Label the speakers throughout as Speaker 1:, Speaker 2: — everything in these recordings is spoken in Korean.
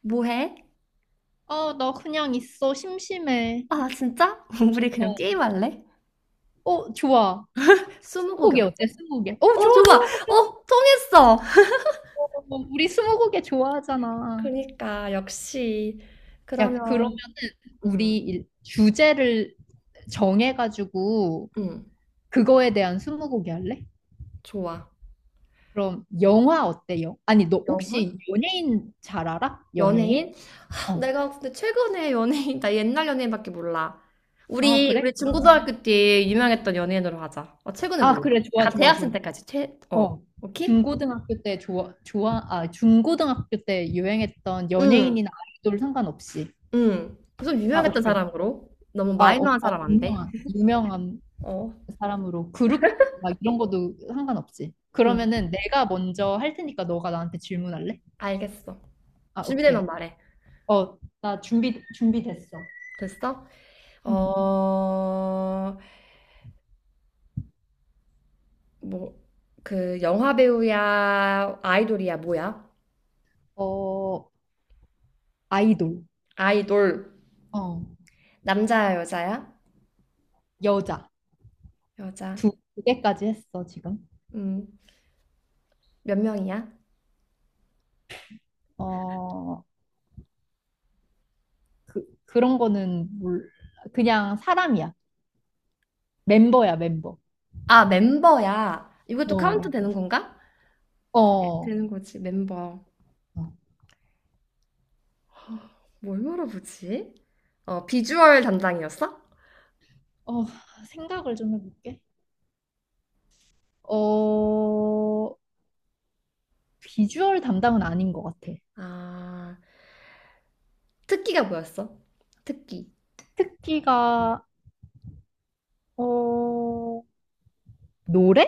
Speaker 1: 뭐 해?
Speaker 2: 아, 나 그냥 있어. 심심해.
Speaker 1: 아, 진짜? 우리 그냥
Speaker 2: 어,
Speaker 1: 게임할래?
Speaker 2: 어, 좋아.
Speaker 1: 스무고개
Speaker 2: 스무고개
Speaker 1: 어때?
Speaker 2: 어때? 스무고개. 어,
Speaker 1: 어,
Speaker 2: 좋아,
Speaker 1: 좋아!
Speaker 2: 좋아, 좋아.
Speaker 1: 어, 통했어!
Speaker 2: 어, 우리 스무고개 좋아하잖아.
Speaker 1: 그러니까, 역시.
Speaker 2: 야, 그러면은
Speaker 1: 그러면,
Speaker 2: 우리
Speaker 1: 음,
Speaker 2: 주제를 정해가지고
Speaker 1: 음,
Speaker 2: 그거에 대한 스무고개 할래?
Speaker 1: 좋아.
Speaker 2: 그럼 영화 어때? 요 아니, 너
Speaker 1: 영화?
Speaker 2: 혹시 연예인 잘 알아? 연예인?
Speaker 1: 연예인?
Speaker 2: 어.
Speaker 1: 내가 근데 최근에 연예인, 나 옛날 연예인밖에 몰라.
Speaker 2: 아,
Speaker 1: 우리,
Speaker 2: 그래?
Speaker 1: 우리
Speaker 2: 그러면.
Speaker 1: 중고등학교 때 유명했던 연예인으로 하자. 어, 최근에
Speaker 2: 아,
Speaker 1: 몰라.
Speaker 2: 그래. 좋아,
Speaker 1: 약간
Speaker 2: 좋아, 좋아.
Speaker 1: 대학생 때까지 최,
Speaker 2: 어,
Speaker 1: 오케이?
Speaker 2: 중고등학교 때 좋아, 좋아, 아, 중고등학교 때 유행했던
Speaker 1: 응,
Speaker 2: 연예인이나 아이돌 상관없이.
Speaker 1: 응. 좀
Speaker 2: 아,
Speaker 1: 유명했던
Speaker 2: 오케이.
Speaker 1: 사람으로. 너무
Speaker 2: 아, 어,
Speaker 1: 마이너한
Speaker 2: 어,
Speaker 1: 사람 안 돼.
Speaker 2: 유명한
Speaker 1: 어,
Speaker 2: 사람으로. 그룹, 막 이런 것도 상관없지.
Speaker 1: 응,
Speaker 2: 그러면은 내가 먼저 할 테니까 너가 나한테 질문할래?
Speaker 1: 알겠어.
Speaker 2: 아,
Speaker 1: 준비되면
Speaker 2: 오케이.
Speaker 1: 말해.
Speaker 2: 어, 나 준비됐어.
Speaker 1: 됐어?
Speaker 2: 응.
Speaker 1: 어, 뭐, 영화 배우야, 아이돌이야, 뭐야?
Speaker 2: 어, 아이돌.
Speaker 1: 아이돌.
Speaker 2: 어,
Speaker 1: 남자야, 여자야?
Speaker 2: 여자.
Speaker 1: 여자.
Speaker 2: 두 개까지 했어, 지금.
Speaker 1: 음, 몇 명이야?
Speaker 2: 어, 그런 거는 몰라. 그냥 사람이야. 멤버야, 멤버.
Speaker 1: 아, 멤버야. 이것도 카운트
Speaker 2: 어,
Speaker 1: 되는 건가?
Speaker 2: 어, 어,
Speaker 1: 되는 거지, 멤버. 뭘 물어보지? 어, 비주얼 담당이었어?
Speaker 2: 어, 생각을 좀 해볼게. 어, 비주얼 담당은 아닌 것 같아.
Speaker 1: 아, 특기가 뭐였어? 특기. 음.
Speaker 2: 특기가, 어, 노래?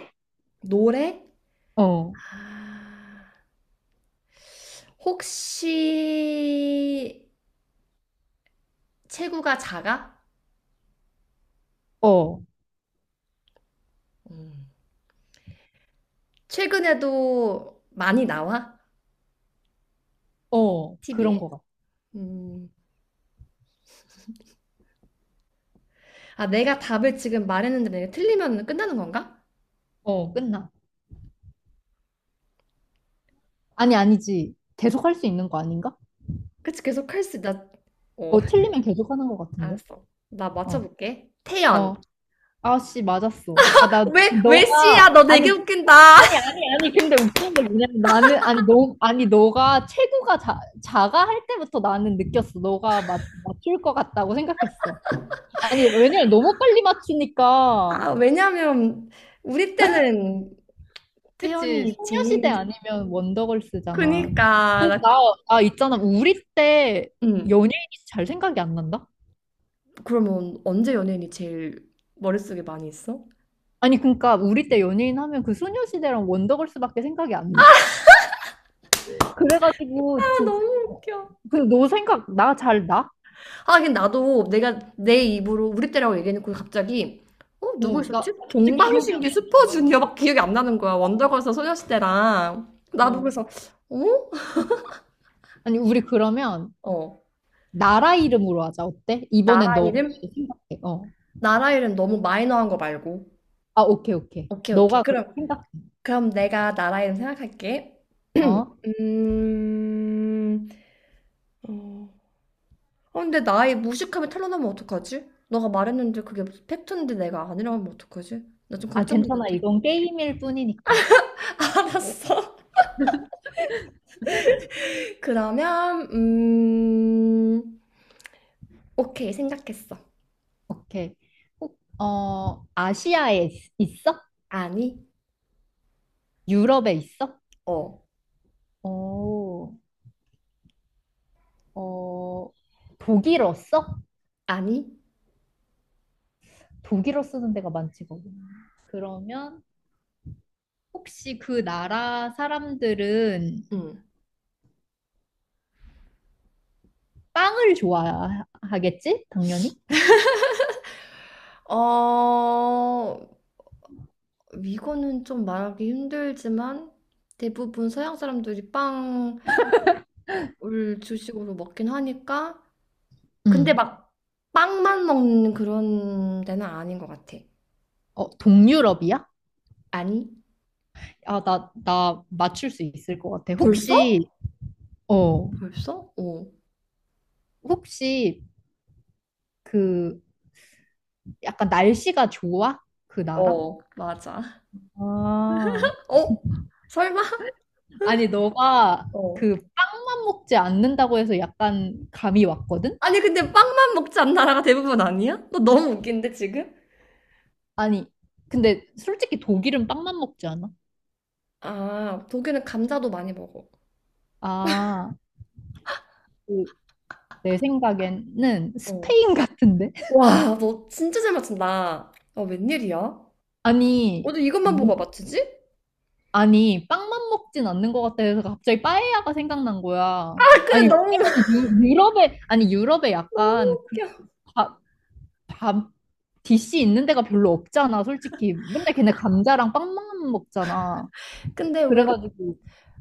Speaker 1: 노래?
Speaker 2: 어,
Speaker 1: 아, 혹시 체구가 작아?
Speaker 2: 어,
Speaker 1: 음. 최근에도 많이 나와?
Speaker 2: 어, 그런
Speaker 1: TV에?
Speaker 2: 것 같아.
Speaker 1: 음. 아, 내가 답을 지금 말했는데 내가 틀리면 끝나는 건가?
Speaker 2: 어, 끝나. 아니, 아니지. 계속 할 수 있는 거 아닌가?
Speaker 1: 그치, 계속 할 수, 나, 어,
Speaker 2: 어, 틀리면 계속 하는 것 같은데.
Speaker 1: 알았어. 나
Speaker 2: 어,
Speaker 1: 맞춰볼게.
Speaker 2: 어.
Speaker 1: 태연.
Speaker 2: 아씨, 맞았어. 아, 나,
Speaker 1: 왜, 왜 씨야?
Speaker 2: 너가,
Speaker 1: 너
Speaker 2: 아니,
Speaker 1: 되게 웃긴다.
Speaker 2: 아니, 아니, 아니, 근데 웃긴 게 뭐냐면 나는, 아니, 너, 아니, 너가 체구가 작아 할 때부터 나는 느꼈어. 너가 맞출 것 같다고 생각했어. 아니, 왜냐면 너무 빨리 맞추니까.
Speaker 1: 아, 왜냐면, 우리 때는
Speaker 2: 그치,
Speaker 1: 태연이
Speaker 2: 소녀시대
Speaker 1: 제일,
Speaker 2: 아니면 원더걸스잖아.
Speaker 1: 그니까,
Speaker 2: 근데
Speaker 1: 나,
Speaker 2: 나, 나 있잖아. 우리 때
Speaker 1: 음.
Speaker 2: 연예인이 잘 생각이 안 난다?
Speaker 1: 그러면 언제 연예인이 제일 머릿속에 많이 있어?
Speaker 2: 아니, 그러니까 우리 때 연예인 하면 그 소녀시대랑 원더걸스밖에 생각이 안 나. 그래가지고,
Speaker 1: 아, 너무
Speaker 2: 진짜. 어.
Speaker 1: 웃겨.
Speaker 2: 근데 너 생각, 나 잘 나?
Speaker 1: 아, 근데 나도 내가 내 입으로 우리 때라고 얘기해놓고 갑자기 어, 누구
Speaker 2: 어,
Speaker 1: 있었지?
Speaker 2: 나 진짜 기억이 안
Speaker 1: 동방신기
Speaker 2: 나는 거야.
Speaker 1: 슈퍼주니어밖에 기억이 안 나는 거야. 원더걸스 소녀시대랑. 나도
Speaker 2: 어.
Speaker 1: 그래서 어?
Speaker 2: 아니, 우리 그러면
Speaker 1: 어.
Speaker 2: 나라 이름으로 하자. 어때? 이번엔
Speaker 1: 나라
Speaker 2: 너가
Speaker 1: 이름?
Speaker 2: 생각해. 어.
Speaker 1: 나라 이름 너무 마이너한 거 말고.
Speaker 2: 아, 오케이, 오케이.
Speaker 1: 오케이, 오케이.
Speaker 2: 너가 그렇게
Speaker 1: 그럼
Speaker 2: 생각해.
Speaker 1: 그럼 내가 나라 이름 생각할게.
Speaker 2: 어?
Speaker 1: 음. 어. 어, 근데 나의 무식함이 탄로나면 어떡하지? 너가 말했는데 그게 팩트인데 내가 아니라면 어떡하지? 나 좀
Speaker 2: 아, 괜찮아.
Speaker 1: 걱정되는데.
Speaker 2: 이건 게임일 뿐이니까.
Speaker 1: 알았어. 그러면 오케이 생각했어.
Speaker 2: 오케이. 아시아에 있어?
Speaker 1: 아니.
Speaker 2: 유럽에 있어?
Speaker 1: 어.
Speaker 2: 어, 어, 독일어 써?
Speaker 1: 아니.
Speaker 2: 독일어 쓰는 데가 많지 거기 그러면 혹시 그 나라 사람들은
Speaker 1: 음.
Speaker 2: 빵을 좋아하겠지? 당연히?
Speaker 1: 어. 이거는 좀 말하기 힘들지만 대부분 서양 사람들이 빵을 주식으로 먹긴 하니까 근데
Speaker 2: 응.
Speaker 1: 막 빵만 먹는 그런 데는 아닌 것 같아.
Speaker 2: 어, 동유럽이야?
Speaker 1: 아니.
Speaker 2: 아, 나 맞출 수 있을 것 같아.
Speaker 1: 벌써?
Speaker 2: 혹시, 어,
Speaker 1: 벌써? 어.
Speaker 2: 혹시 그 약간 날씨가 좋아? 그 나라?
Speaker 1: 어, 맞아.
Speaker 2: 아,
Speaker 1: 어? 설마?
Speaker 2: 아니, 너가
Speaker 1: 어.
Speaker 2: 그 빵만 먹지 않는다고 해서 약간 감이 왔거든?
Speaker 1: 아니 근데 빵만 먹지 않는 나라가 대부분 아니야? 너 너무 웃긴데 지금?
Speaker 2: 아니, 근데 솔직히 독일은 빵만 먹지 않아?
Speaker 1: 아, 독일은 감자도 많이 먹어.
Speaker 2: 아, 그, 내 생각에는
Speaker 1: 어.
Speaker 2: 스페인 같은데?
Speaker 1: 와, 너 진짜 잘 맞춘다. 어, 웬일이야?
Speaker 2: 아니,
Speaker 1: 어제 이것만 보고
Speaker 2: 뭐
Speaker 1: 맞추지?
Speaker 2: 아니, 빵만 먹진 않는 것 같다 해서 갑자기 빠에야가 생각난 거야.
Speaker 1: 아, 근데
Speaker 2: 아니, 왜냐면
Speaker 1: 너무
Speaker 2: 유럽에, 아니, 유럽에
Speaker 1: 너무
Speaker 2: 약간 그
Speaker 1: 웃겨.
Speaker 2: 밥, 밥, 디시 있는 데가 별로 없잖아, 솔직히. 맨날 걔네 감자랑 빵만 먹잖아.
Speaker 1: 근데 왜.
Speaker 2: 그래가지고,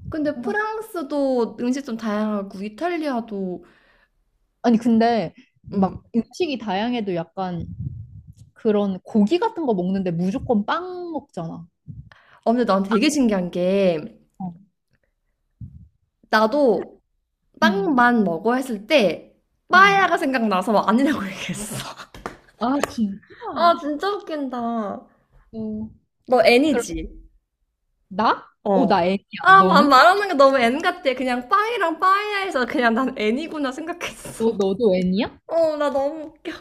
Speaker 1: 근데
Speaker 2: 생각,
Speaker 1: 프랑스도 음식 좀 다양하고 이탈리아도.
Speaker 2: 아니, 근데
Speaker 1: 음.
Speaker 2: 막 음식이 다양해도 약간 그런 고기 같은 거 먹는데 무조건 빵 먹잖아.
Speaker 1: 어, 근데 난 되게 신기한 게
Speaker 2: 어.
Speaker 1: 나도
Speaker 2: 응,
Speaker 1: 빵만 먹어 했을 때
Speaker 2: 응.
Speaker 1: 빠에야가 생각나서 아니라고 얘기했어.
Speaker 2: 아, 진짜?
Speaker 1: 아, 진짜 웃긴다.
Speaker 2: 어.
Speaker 1: 너
Speaker 2: 그럼,
Speaker 1: 애니지?
Speaker 2: 나? 어,
Speaker 1: 어.
Speaker 2: 나 애기야.
Speaker 1: 아, 마-
Speaker 2: 너는?
Speaker 1: 말하는 게 너무 N 같아. 그냥 빵이랑 빵이야에서 그냥 난 N이구나 생각했어.
Speaker 2: 너도 N이야?
Speaker 1: 어, 나 너무 웃겨.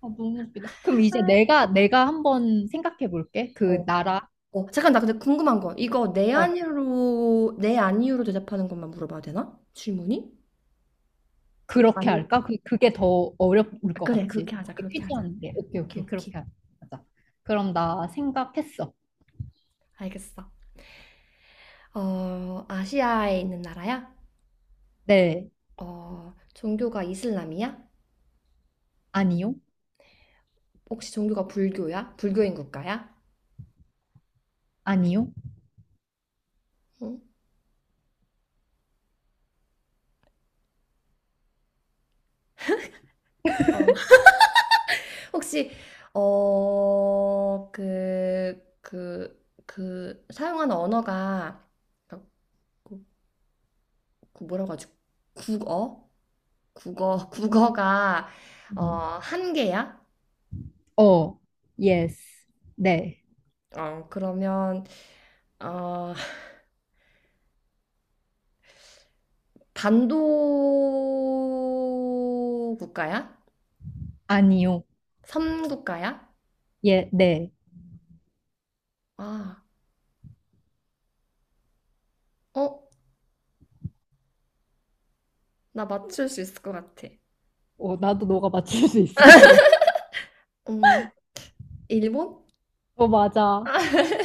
Speaker 2: 아, 너무 웃기다. 그럼 이제 내가 한번 생각해 볼게.
Speaker 1: 어,
Speaker 2: 그 나라,
Speaker 1: 잠깐, 나 근데 궁금한 거. 이거 내
Speaker 2: 어,
Speaker 1: 아니요로, 내 아니요로 대답하는 것만 물어봐도 되나? 질문이?
Speaker 2: 그렇게
Speaker 1: 아니.
Speaker 2: 할까? 그게 더 어려울
Speaker 1: 아,
Speaker 2: 것
Speaker 1: 그래,
Speaker 2: 같지.
Speaker 1: 그렇게
Speaker 2: 퀴즈
Speaker 1: 하자.
Speaker 2: 하는 게. 오케이,
Speaker 1: 오케이,
Speaker 2: 오케이.
Speaker 1: 오케이.
Speaker 2: 그렇게 하자. 그럼 나 생각했어.
Speaker 1: 알겠어. 어, 아시아에 있는 나라야?
Speaker 2: 네.
Speaker 1: 어, 종교가 이슬람이야?
Speaker 2: 아니요.
Speaker 1: 혹시 종교가 불교야? 불교인 국가야?
Speaker 2: 아니요.
Speaker 1: 응? 혹시 어, 그 사용하는 언어가 그, 그 뭐라고 하죠? 국어? 국어, 국어가 어,
Speaker 2: 음.
Speaker 1: 한 개야?
Speaker 2: 어. 예스. 네.
Speaker 1: 어, 그러면 어, 반도 국가야?
Speaker 2: 아니요.
Speaker 1: 섬 국가야?
Speaker 2: 예, 네.
Speaker 1: 아, 어, 나 맞출 수 있을 것 같아.
Speaker 2: 어, 나도 너가 맞출 수 있을 것 같아.
Speaker 1: 음, 일본?
Speaker 2: 어, 맞아.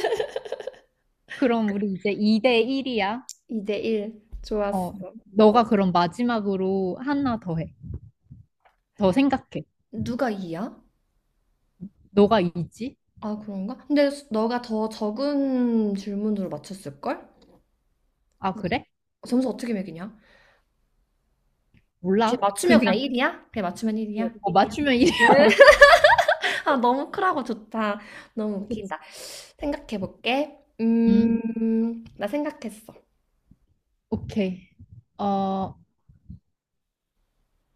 Speaker 2: 그럼 우리 이제 2대 1이야.
Speaker 1: 2대1. 좋았어.
Speaker 2: 어, 너가 그럼 마지막으로 하나 더 해. 더 생각해.
Speaker 1: 누가 이야.
Speaker 2: 너가 이지?
Speaker 1: 아, 그런가? 근데 수- 너가 더 적은 질문으로 맞췄을걸?
Speaker 2: 아,
Speaker 1: 근데
Speaker 2: 그래?
Speaker 1: 점수 어떻게 매기냐? 그냥
Speaker 2: 몰라.
Speaker 1: 맞추면 그냥
Speaker 2: 그냥
Speaker 1: 1이야? 그냥 맞추면 1이야?
Speaker 2: 어, 맞추면 이래.
Speaker 1: 네. 아, 너무 크라고 좋다. 너무 웃긴다. 생각해볼게.
Speaker 2: 음,
Speaker 1: 나 생각했어.
Speaker 2: 오케이. 어,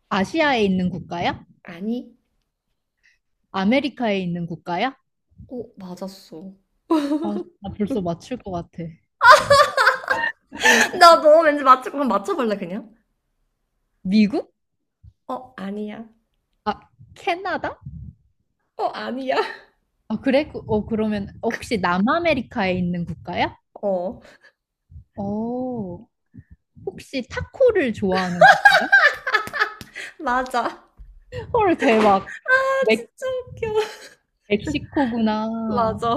Speaker 2: 아시아에 있는 국가야?
Speaker 1: 아니.
Speaker 2: 아메리카에 있는 국가야?
Speaker 1: 오, 맞았어.
Speaker 2: 아, 나 벌써 맞출 것 같아.
Speaker 1: 나 너 왠지 맞출 거면 맞춰볼래, 그냥?
Speaker 2: 미국?
Speaker 1: 어, 아니야.
Speaker 2: 아, 캐나다?
Speaker 1: 어, 아니야.
Speaker 2: 아, 그래? 그- 어, 그러면 혹시 남아메리카에 있는 국가야?
Speaker 1: 어,
Speaker 2: 어, 혹시 타코를 좋아하는 국가야?
Speaker 1: 맞아. 아,
Speaker 2: 헐, 대박. 멕,
Speaker 1: 진짜 웃겨.
Speaker 2: 멕시코구나.
Speaker 1: 맞아,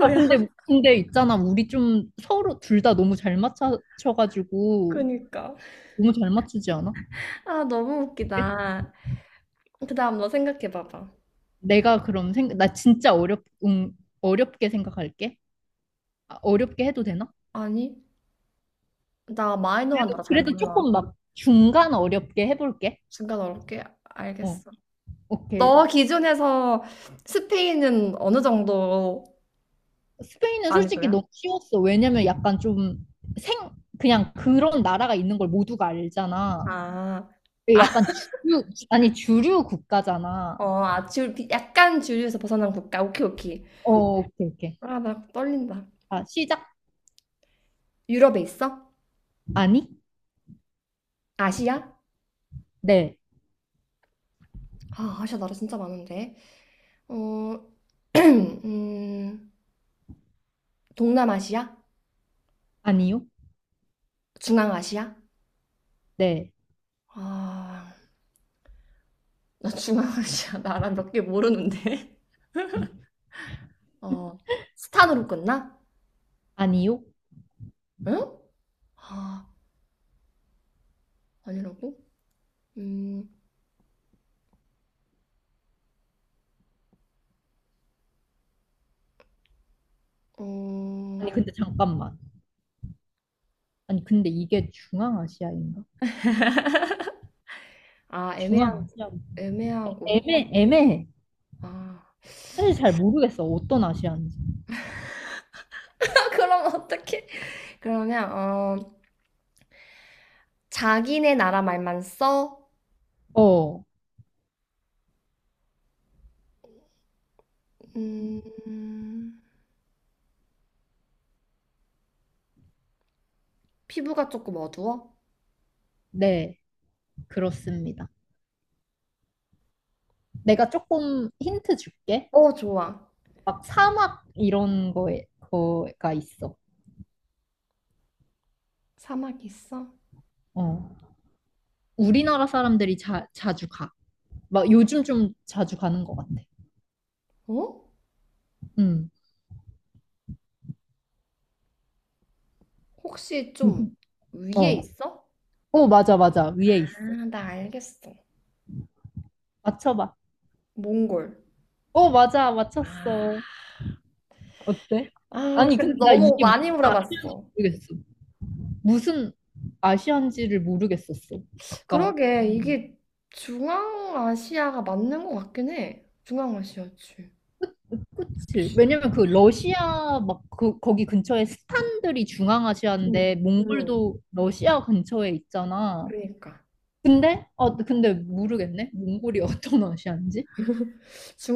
Speaker 2: 아, 근데 있잖아. 우리 좀 서로 둘 다 너무 잘 맞춰가지고,
Speaker 1: 그니까.
Speaker 2: 너무 잘 맞추지 않아?
Speaker 1: 아, 너무
Speaker 2: 어때?
Speaker 1: 웃기다. 그 다음 너 생각해봐봐.
Speaker 2: 내가 그럼 생각, 나 진짜 어렵, 응, 어렵게 생각할게. 아, 어렵게 해도 되나?
Speaker 1: 아니, 나 마이너한
Speaker 2: 그래도,
Speaker 1: 나라 잘
Speaker 2: 그래도
Speaker 1: 몰라.
Speaker 2: 조금 막 중간 어렵게 해볼게.
Speaker 1: 중간 어렵게
Speaker 2: 어,
Speaker 1: 알겠어. 너
Speaker 2: 오케이.
Speaker 1: 기준에서 스페인은 어느 정도
Speaker 2: 스페인은 솔직히
Speaker 1: 난이도야?
Speaker 2: 너무 쉬웠어. 왜냐면 약간 좀 생, 그냥 그런 나라가 있는 걸 모두가 알잖아.
Speaker 1: 아,
Speaker 2: 그
Speaker 1: 아,
Speaker 2: 약간 주류, 아니, 주류 국가잖아.
Speaker 1: 아, 줄, 비- 약간 주류에서 벗어난 국가. 오케이, 오케이.
Speaker 2: 어, 오케이, 오케이.
Speaker 1: 아, 나 떨린다.
Speaker 2: 아, 시작.
Speaker 1: 유럽에 있어?
Speaker 2: 아니?
Speaker 1: 아시아?
Speaker 2: 네.
Speaker 1: 아, 아시아 나라 진짜 많은데. 어, 음, 동남아시아?
Speaker 2: 아니요?
Speaker 1: 중앙아시아?
Speaker 2: 네.
Speaker 1: 아, 나 중앙아시아 나라 몇 개 모르는데. 어, 스탄으로 끝나?
Speaker 2: 아니요?
Speaker 1: 응? 아, 아니라고? 음, 어,
Speaker 2: 아니, 근데 잠깐만. 아니, 근데 이게 중앙아시아인가?
Speaker 1: 아, 애매한,
Speaker 2: 중앙아시아.
Speaker 1: 애매하고,
Speaker 2: 애매해.
Speaker 1: 아.
Speaker 2: 사실 잘 모르겠어. 어떤 아시아인지.
Speaker 1: 그럼 어떡해? 그러면, 어, 자기네 나라 말만 써?
Speaker 2: 어,
Speaker 1: 음, 피부가 조금 어두워?
Speaker 2: 네. 그렇습니다. 내가 조금 힌트 줄게.
Speaker 1: 어, 좋아.
Speaker 2: 막 사막 이런 거에, 거가 있어.
Speaker 1: 사막 있어?
Speaker 2: 어. 우리나라 사람들이 자주 가. 막 요즘 좀 자주 가는 것 같아.
Speaker 1: 어?
Speaker 2: 응
Speaker 1: 혹시 좀 위에
Speaker 2: 어.
Speaker 1: 있어?
Speaker 2: 어, 맞아, 맞아. 위에
Speaker 1: 아,
Speaker 2: 있어.
Speaker 1: 나 알겠어.
Speaker 2: 맞춰봐.
Speaker 1: 몽골.
Speaker 2: 어, 맞아.
Speaker 1: 아,
Speaker 2: 맞췄어. 어때?
Speaker 1: 아,
Speaker 2: 아니,
Speaker 1: 근데
Speaker 2: 근데 나
Speaker 1: 너무
Speaker 2: 이게
Speaker 1: 많이
Speaker 2: 무슨 아시안지
Speaker 1: 물어봤어.
Speaker 2: 모르겠어. 무슨 아시안지를 모르겠었어. 아까.
Speaker 1: 그러게,
Speaker 2: 음.
Speaker 1: 이게 중앙아시아가 맞는 것 같긴 해. 중앙아시아지.
Speaker 2: 그치. 왜냐면
Speaker 1: 응,
Speaker 2: 그 러시아 막 그, 거기 근처에 스탄들이
Speaker 1: 응,
Speaker 2: 중앙아시아인데
Speaker 1: 응.
Speaker 2: 몽골도 러시아 근처에 있잖아.
Speaker 1: 그러니까.
Speaker 2: 근데 어 근데 모르겠네. 몽골이 어떤 아시아인지.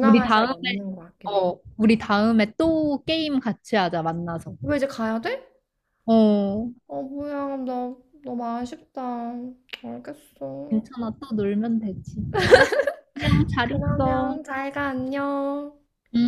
Speaker 2: 우리 다음에
Speaker 1: 맞는 것 같긴 해.
Speaker 2: 어 우리 다음에 또 게임 같이 하자 만나서.
Speaker 1: 왜 이제 가야 돼?
Speaker 2: 어
Speaker 1: 어, 뭐야, 나 너무 아쉽다. 알겠어.
Speaker 2: 괜찮아 또 놀면 되지. 알았어. 안녕 잘 있어.
Speaker 1: 그러면 잘 가, 안녕.
Speaker 2: 음.